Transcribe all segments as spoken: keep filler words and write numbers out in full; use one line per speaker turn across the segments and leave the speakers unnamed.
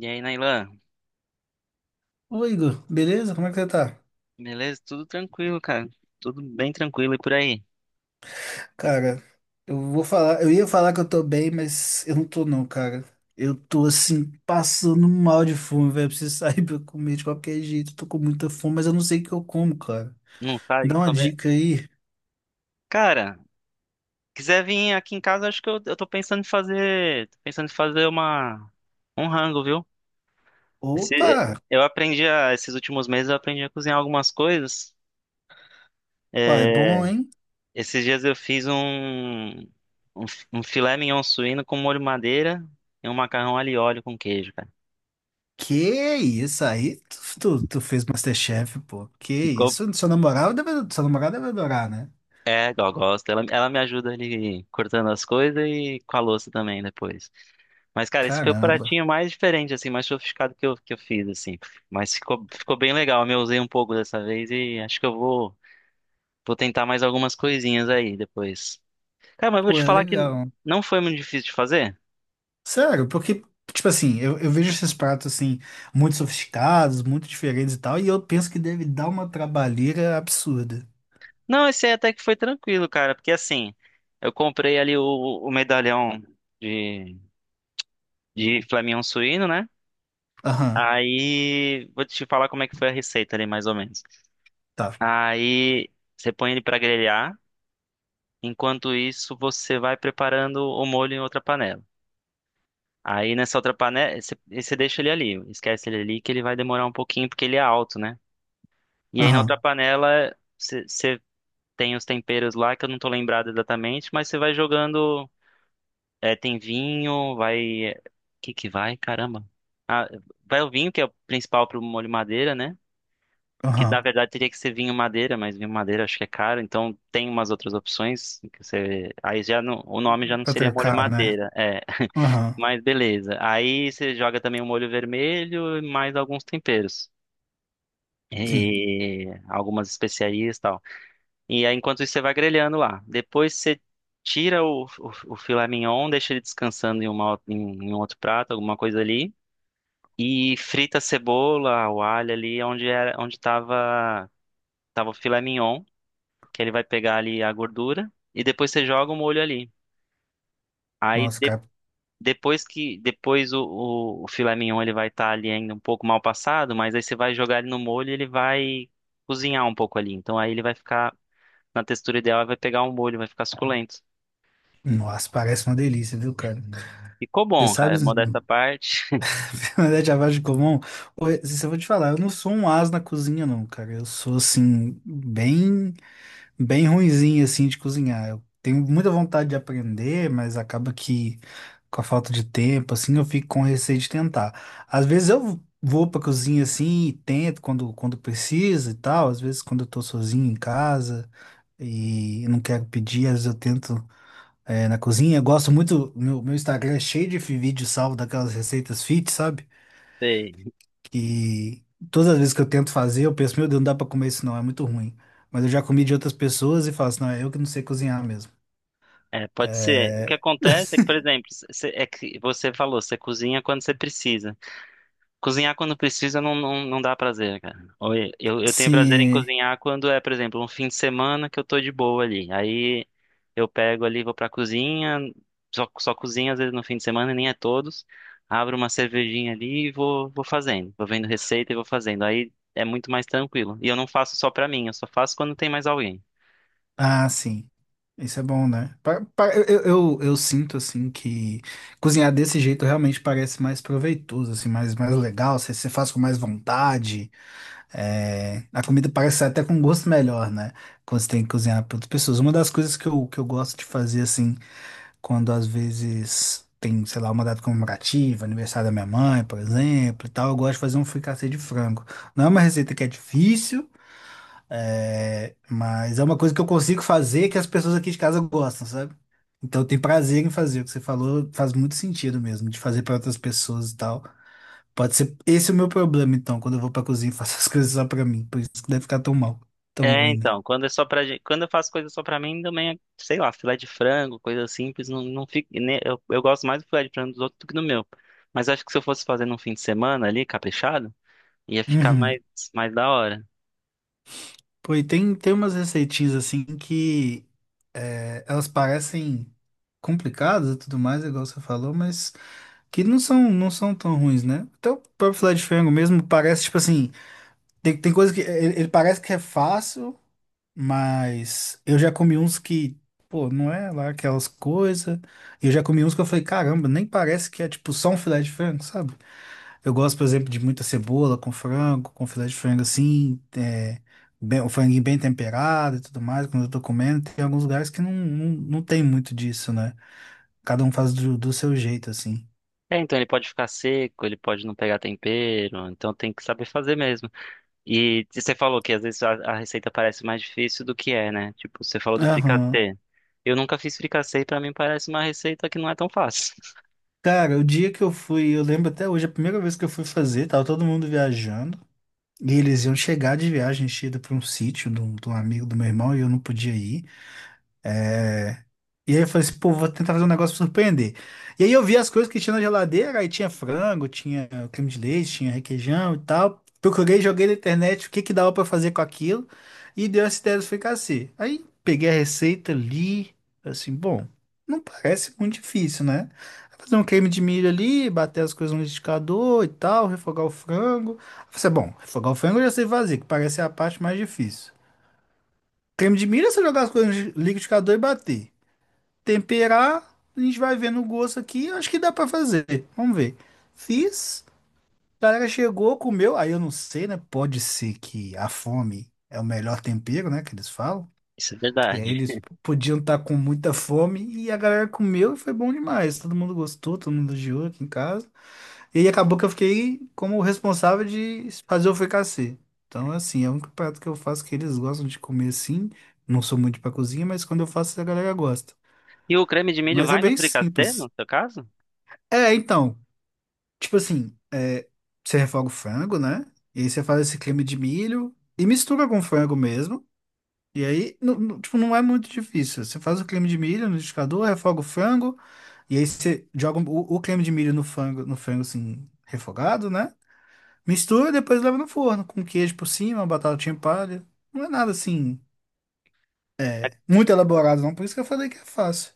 E aí, Nailan?
Oi, Igor, beleza? Como é que você tá?
Beleza? Tudo tranquilo, cara. Tudo bem tranquilo e por aí.
Cara, eu vou falar, eu ia falar que eu tô bem, mas eu não tô não, cara. Eu tô assim, passando mal de fome, velho. Preciso sair pra eu comer de qualquer jeito. Tô com muita fome, mas eu não sei o que eu como, cara.
Não
Me
sabe
dá uma
comer?
dica aí.
Cara, quiser vir aqui em casa, acho que eu, eu tô pensando em fazer, tô pensando em fazer uma um rango, viu?
Opa,
Esse- eu aprendi a, esses últimos meses eu aprendi a cozinhar algumas coisas.
pai, bom,
É,
hein?
esses dias eu fiz um, um, um filé mignon suíno com molho madeira e um macarrão alho e óleo com queijo, cara.
Que isso aí? Tu, tu, tu fez MasterChef, pô. Que isso? Seu namorado deve, seu namorado deve adorar, né?
É, ela gosta. Ela, ela me ajuda ali cortando as coisas e com a louça também depois. Mas, cara, esse foi o
Caramba.
pratinho mais diferente, assim, mais sofisticado que eu, que eu fiz, assim. Mas ficou, ficou bem legal. Eu usei um pouco dessa vez e acho que eu vou, vou tentar mais algumas coisinhas aí depois. Cara, mas eu vou
Pô,
te
é
falar que
legal.
não foi muito difícil de fazer?
Sério, porque, tipo assim, eu, eu vejo esses pratos, assim, muito sofisticados, muito diferentes e tal, e eu penso que deve dar uma trabalheira absurda.
Não, esse aí até que foi tranquilo, cara, porque assim, eu comprei ali o, o medalhão de, de Flamião suíno, né?
Aham,
Aí vou te falar como é que foi a receita ali, mais ou menos.
tá.
Aí você põe ele para grelhar. Enquanto isso, você vai preparando o molho em outra panela. Aí nessa outra panela, você, você deixa ele ali, esquece ele ali que ele vai demorar um pouquinho porque ele é alto, né? E aí na
Aham,
outra panela, você você tem os temperos lá que eu não tô lembrado exatamente, mas você vai jogando, é, tem vinho, vai, o que que vai? Caramba. Ah, vai o vinho que é o principal pro molho madeira, né? Que
aham.
na verdade teria que ser vinho madeira, mas vinho madeira acho que é caro, então tem umas outras opções que você. Aí já não, o nome já não
Pra
seria molho
trocar, né?
madeira, é.
Aham,
Mas beleza. Aí você joga também o molho vermelho e mais alguns temperos.
sim.
E algumas especiarias e tal. E aí, enquanto isso, você vai grelhando lá. Depois você tira o, o, o filé mignon, deixa ele descansando em, uma, em, em um outro prato, alguma coisa ali. E frita a cebola, o alho ali, onde era, onde estava tava, tava o filé mignon. Que ele vai pegar ali a gordura e depois você joga o molho ali. Aí
Nossa,
de-
cara.
depois que depois o, o, o filé mignon ele vai estar ali ainda um pouco mal passado, mas aí você vai jogar ele no molho, e ele vai cozinhar um pouco ali. Então aí ele vai ficar na textura ideal, vai pegar o molho, vai ficar suculento.
Nossa, parece uma delícia, viu, cara?
Ficou
Você
bom,
sabe,
cara. Modesta à parte.
na verdade, a vagem comum, ô, se eu vou te falar, eu não sou um ás na cozinha, não, cara. Eu sou, assim, bem. Bem ruinzinho assim de cozinhar. Eu tenho muita vontade de aprender, mas acaba que com a falta de tempo assim eu fico com receio de tentar. Às vezes eu vou pra cozinha assim e tento quando quando precisa e tal, às vezes quando eu tô sozinho em casa e não quero pedir, às vezes eu tento é, na cozinha. Eu gosto muito, meu, meu Instagram é cheio de vídeo salvo daquelas receitas fit, sabe?
Sei.
E todas as vezes que eu tento fazer, eu penso, meu Deus, não dá pra comer isso não, é muito ruim. Mas eu já comi de outras pessoas e falo assim, não, é eu que não sei cozinhar mesmo.
É, pode ser. O que
É...
acontece é que, por exemplo, cê- é que você falou, você cozinha quando você precisa. Cozinhar quando precisa não, não, não dá prazer, cara. Ou e- Eu, eu tenho prazer em
Sim.
cozinhar quando é, por exemplo, um fim de semana que eu tô de boa ali. Aí eu pego ali, vou pra cozinha, só, só cozinho às vezes no fim de semana, nem é todos. Abro uma cervejinha ali e vou, vou fazendo. Vou vendo receita e vou fazendo. Aí é muito mais tranquilo. E eu não faço só pra mim, eu só faço quando tem mais alguém.
Ah, sim. Isso é bom, né? Pa- pa- Eu, eu, eu sinto, assim, que cozinhar desse jeito realmente parece mais proveitoso, assim, mais, mais legal. Você, você faz com mais vontade. é, A comida parece sair até com gosto melhor, né? Quando você tem que cozinhar para outras pessoas. Uma das coisas que eu, que eu gosto de fazer, assim, quando às vezes tem, sei lá, uma data comemorativa, aniversário da minha mãe, por exemplo, e tal, eu gosto de fazer um fricassê de frango. Não é uma receita que é difícil, é, mas é uma coisa que eu consigo fazer que as pessoas aqui de casa gostam, sabe? Então eu tenho prazer em fazer. O que você falou faz muito sentido mesmo, de fazer para outras pessoas e tal. Pode ser esse é o meu problema, então, quando eu vou pra cozinha e faço as coisas só pra mim. Por isso que deve ficar tão mal, tão
É,
ruim, né?
então, quando é só pra gente, quando eu faço coisa só pra mim, também, é, sei lá, filé de frango, coisa simples, não, não fica, né, eu, eu gosto mais do filé de frango dos outros do que do meu. Mas acho que se eu fosse fazer num fim de semana ali, caprichado, ia ficar
Uhum.
mais, mais da hora.
Pô, e tem, tem umas receitinhas assim que é, elas parecem complicadas e tudo mais, igual você falou, mas que não são, não são tão ruins, né? Até o próprio filé de frango mesmo parece, tipo assim, tem, tem coisa que ele, ele parece que é fácil, mas eu já comi uns que, pô, não é lá aquelas coisas. Eu já comi uns que eu falei, caramba, nem parece que é tipo só um filé de frango, sabe? Eu gosto, por exemplo, de muita cebola com frango, com filé de frango assim, é, bem- o franguinho bem temperado e tudo mais, quando eu tô comendo. Tem alguns lugares que não, não, não tem muito disso, né? Cada um faz do, do seu jeito, assim.
É, então ele pode ficar seco, ele pode não pegar tempero, então tem que saber fazer mesmo. E você falou que às vezes a, a receita parece mais difícil do que é, né? Tipo, você falou do
Aham.
fricassê. Eu nunca fiz fricassê e pra mim parece uma receita que não é tão fácil.
Cara, o dia que eu fui, eu lembro até hoje, a primeira vez que eu fui fazer, tava todo mundo viajando. E eles iam chegar de viagem enchida pra um sítio de um de um amigo do meu irmão e eu não podia ir. É. E aí eu falei assim, pô, vou tentar fazer um negócio pra surpreender. E aí eu vi as coisas que tinha na geladeira, aí tinha frango, tinha creme de leite, tinha requeijão e tal. Procurei, joguei na internet o que que dava pra fazer com aquilo e deu essa ideia do fricassê. Aí peguei a receita, li, falei assim, bom, não parece muito difícil, né? Fazer um creme de milho ali, bater as coisas no liquidificador e tal, refogar o frango. Eu Falei, assim, bom, refogar o frango eu já sei fazer, que parece a parte mais difícil. Creme de milho é você jogar as coisas no liquidificador e bater temperar, a gente vai vendo o gosto aqui, eu acho que dá pra fazer. Vamos ver. Fiz, a galera chegou, comeu, aí eu não sei, né? Pode ser que a fome é o melhor tempero, né, que eles falam.
Isso é
E aí
verdade.
eles podiam estar com muita fome e a galera comeu e foi bom demais. Todo mundo gostou, todo mundo elogiou aqui em casa. E aí acabou que eu fiquei como responsável de fazer o fricassê. Então, assim, é o único prato que eu faço que eles gostam de comer assim. Não sou muito pra cozinha, mas quando eu faço, a galera gosta.
E o creme de milho
Mas é
vai no
bem
fricassê, no
simples.
seu caso?
É, então, tipo assim, é, você refoga o frango, né? E aí você faz esse creme de milho e mistura com frango mesmo. E aí, não, não- tipo, não é muito difícil. Você faz o creme de milho no liquidificador, refoga o frango, e aí você joga o, o creme de milho no frango, no frango assim, refogado, né? Mistura e depois leva no forno, com queijo por cima, uma batatinha palha. Não é nada assim
É
muito elaborado, não. Por isso que eu falei que é fácil.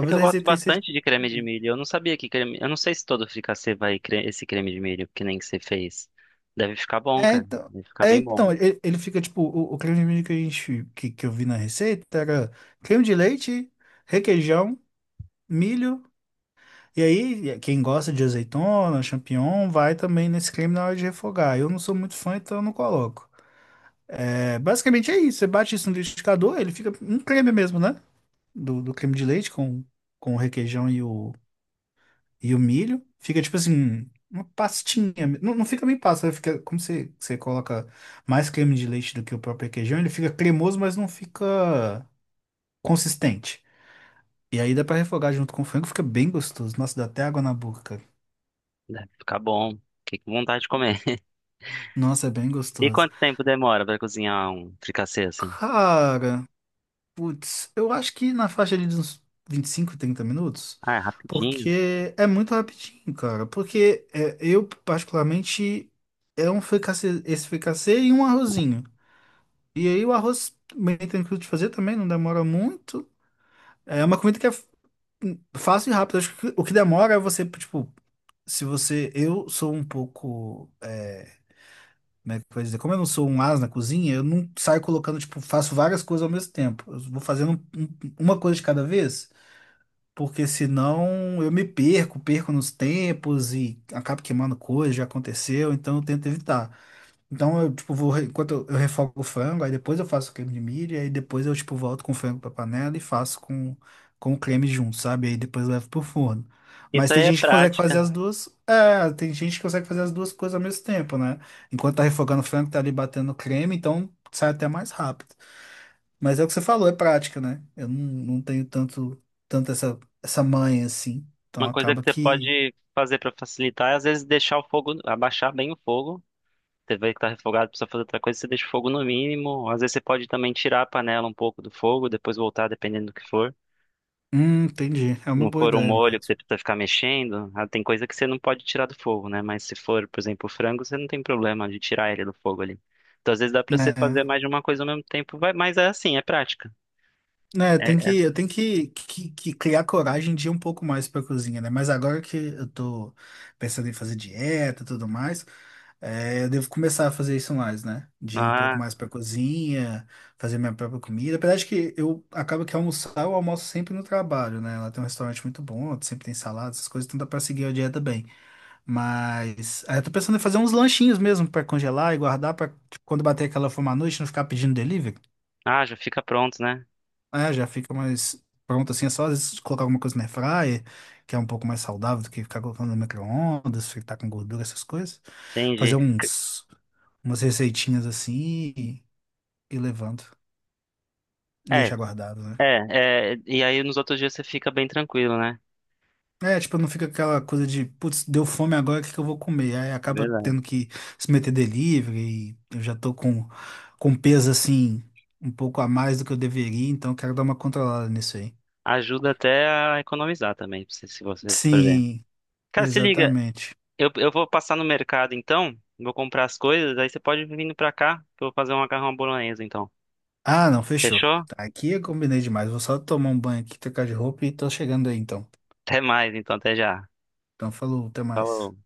é que eu
a
gosto
receita aí seja um
bastante de
pouco
creme de
diferente.
milho. Eu não sabia que creme. Eu não sei se todo fricassê vai cre- esse creme de milho, que nem que você fez. Deve ficar bom,
É,
cara.
então,
Deve ficar
é,
bem bom.
então ele, ele fica tipo, o, o creme de milho que a gente, que, que eu vi na receita era creme de leite, requeijão, milho, e aí quem gosta de azeitona, champignon, vai também nesse creme na hora de refogar. Eu não sou muito fã, então eu não coloco. É, basicamente é isso, você bate isso no liquidificador, ele fica um creme mesmo, né? Do, do creme de leite com, com o requeijão e o, e o milho. Fica tipo assim, uma pastinha. Não, não fica bem pasta, né? Fica como você, você coloca mais creme de leite do que o próprio requeijão, ele fica cremoso, mas não fica consistente. E aí dá pra refogar junto com o frango, fica bem gostoso. Nossa, dá até água na boca, cara.
Deve ficar bom. Fiquei com vontade de comer.
Nossa, é bem
E
gostoso.
quanto tempo demora pra cozinhar um fricassê assim?
Cara, putz, eu acho que na faixa ali de uns vinte e cinco trinta minutos,
Ah, é rapidinho.
porque é muito rapidinho, cara. Porque é, eu, particularmente, é um fricassê, esse fricassê e um arrozinho. E aí o arroz bem tranquilo de fazer também, não demora muito. É uma comida que é f- fácil e rápida. Acho que o que demora é você, tipo, se você. Eu sou um pouco. É, como é que eu vou dizer? Como eu não sou um as na cozinha, eu não saio colocando, tipo, faço várias coisas ao mesmo tempo. Eu vou fazendo um- um- uma coisa de cada vez, porque senão eu me perco, perco nos tempos e acabo queimando coisa, já aconteceu, então eu tento evitar. Então eu, tipo, vou, re- enquanto eu, eu refogo o frango, aí depois eu faço o creme de milho, aí depois eu, tipo, volto com o frango pra panela e faço com, com o creme junto, sabe? Aí depois eu levo pro forno. Mas
Isso
tem
aí é
gente que consegue fazer
prática.
as duas, é, tem gente que consegue fazer as duas coisas ao mesmo tempo, né? Enquanto tá refogando o frango, tá ali batendo o creme, então sai até mais rápido. Mas é o que você falou, é prática, né? Eu não, não tenho tanto, tanto essa, essa manha assim. Então
Uma coisa
acaba
que você
que,
pode fazer pra facilitar é às vezes deixar o fogo, abaixar bem o fogo. Teve vezes que tá refogado, precisa fazer outra coisa, você deixa o fogo no mínimo. Às vezes você pode também tirar a panela um pouco do fogo, depois voltar, dependendo do que for.
hum, entendi. É
Se
uma
não
boa
for um
ideia
molho que você
mesmo.
precisa ficar mexendo, ah, tem coisa que você não pode tirar do fogo, né? Mas se for, por exemplo, o frango, você não tem problema de tirar ele do fogo ali. Então, às vezes dá pra você
Né,
fazer mais de uma coisa ao mesmo tempo, vai- mas é assim, é prática.
né,
É,
tem que,
é-
eu tenho que, que, que criar coragem de ir um pouco mais pra cozinha, né? Mas agora que eu tô pensando em fazer dieta e tudo mais, é, eu devo começar a fazer isso mais, né? De ir um pouco
ah,
mais pra cozinha, fazer minha própria comida. Apesar de que eu acabo que almoçar, eu almoço sempre no trabalho, né? Lá tem um restaurante muito bom, sempre tem salada, essas coisas, então dá pra seguir a dieta bem. Mas aí eu tô pensando em fazer uns lanchinhos mesmo pra congelar e guardar pra tipo, quando bater aquela fome à noite, não ficar pedindo delivery.
ah, já fica pronto, né?
É, já fica mais pronto assim. É só às vezes colocar alguma coisa na air fryer, que é um pouco mais saudável do que ficar colocando no micro-ondas, fritar com gordura, essas coisas.
Entendi.
Fazer uns, umas receitinhas assim e, e levando. E
É,
deixar guardado, né?
é, é, e aí nos outros dias você fica bem tranquilo, né?
É, tipo, não fica aquela coisa de, putz, deu fome agora, o que que eu vou comer? Aí acaba
Verdade.
tendo que se meter delivery e eu já tô com, com peso assim, um pouco a mais do que eu deveria, então eu quero dar uma controlada nisso aí.
Ajuda até a economizar também, se se você for ver.
Sim,
Cara, se liga,
exatamente.
eu, eu vou passar no mercado então, vou comprar as coisas, aí você pode vir vindo pra cá, que eu vou fazer um macarrão à bolonhesa então.
Ah, não, fechou.
Fechou?
Tá, aqui eu combinei demais. Vou só tomar um banho aqui, trocar de roupa e tô chegando aí então.
Até mais então, até já.
Então, falou, até mais.
Falou.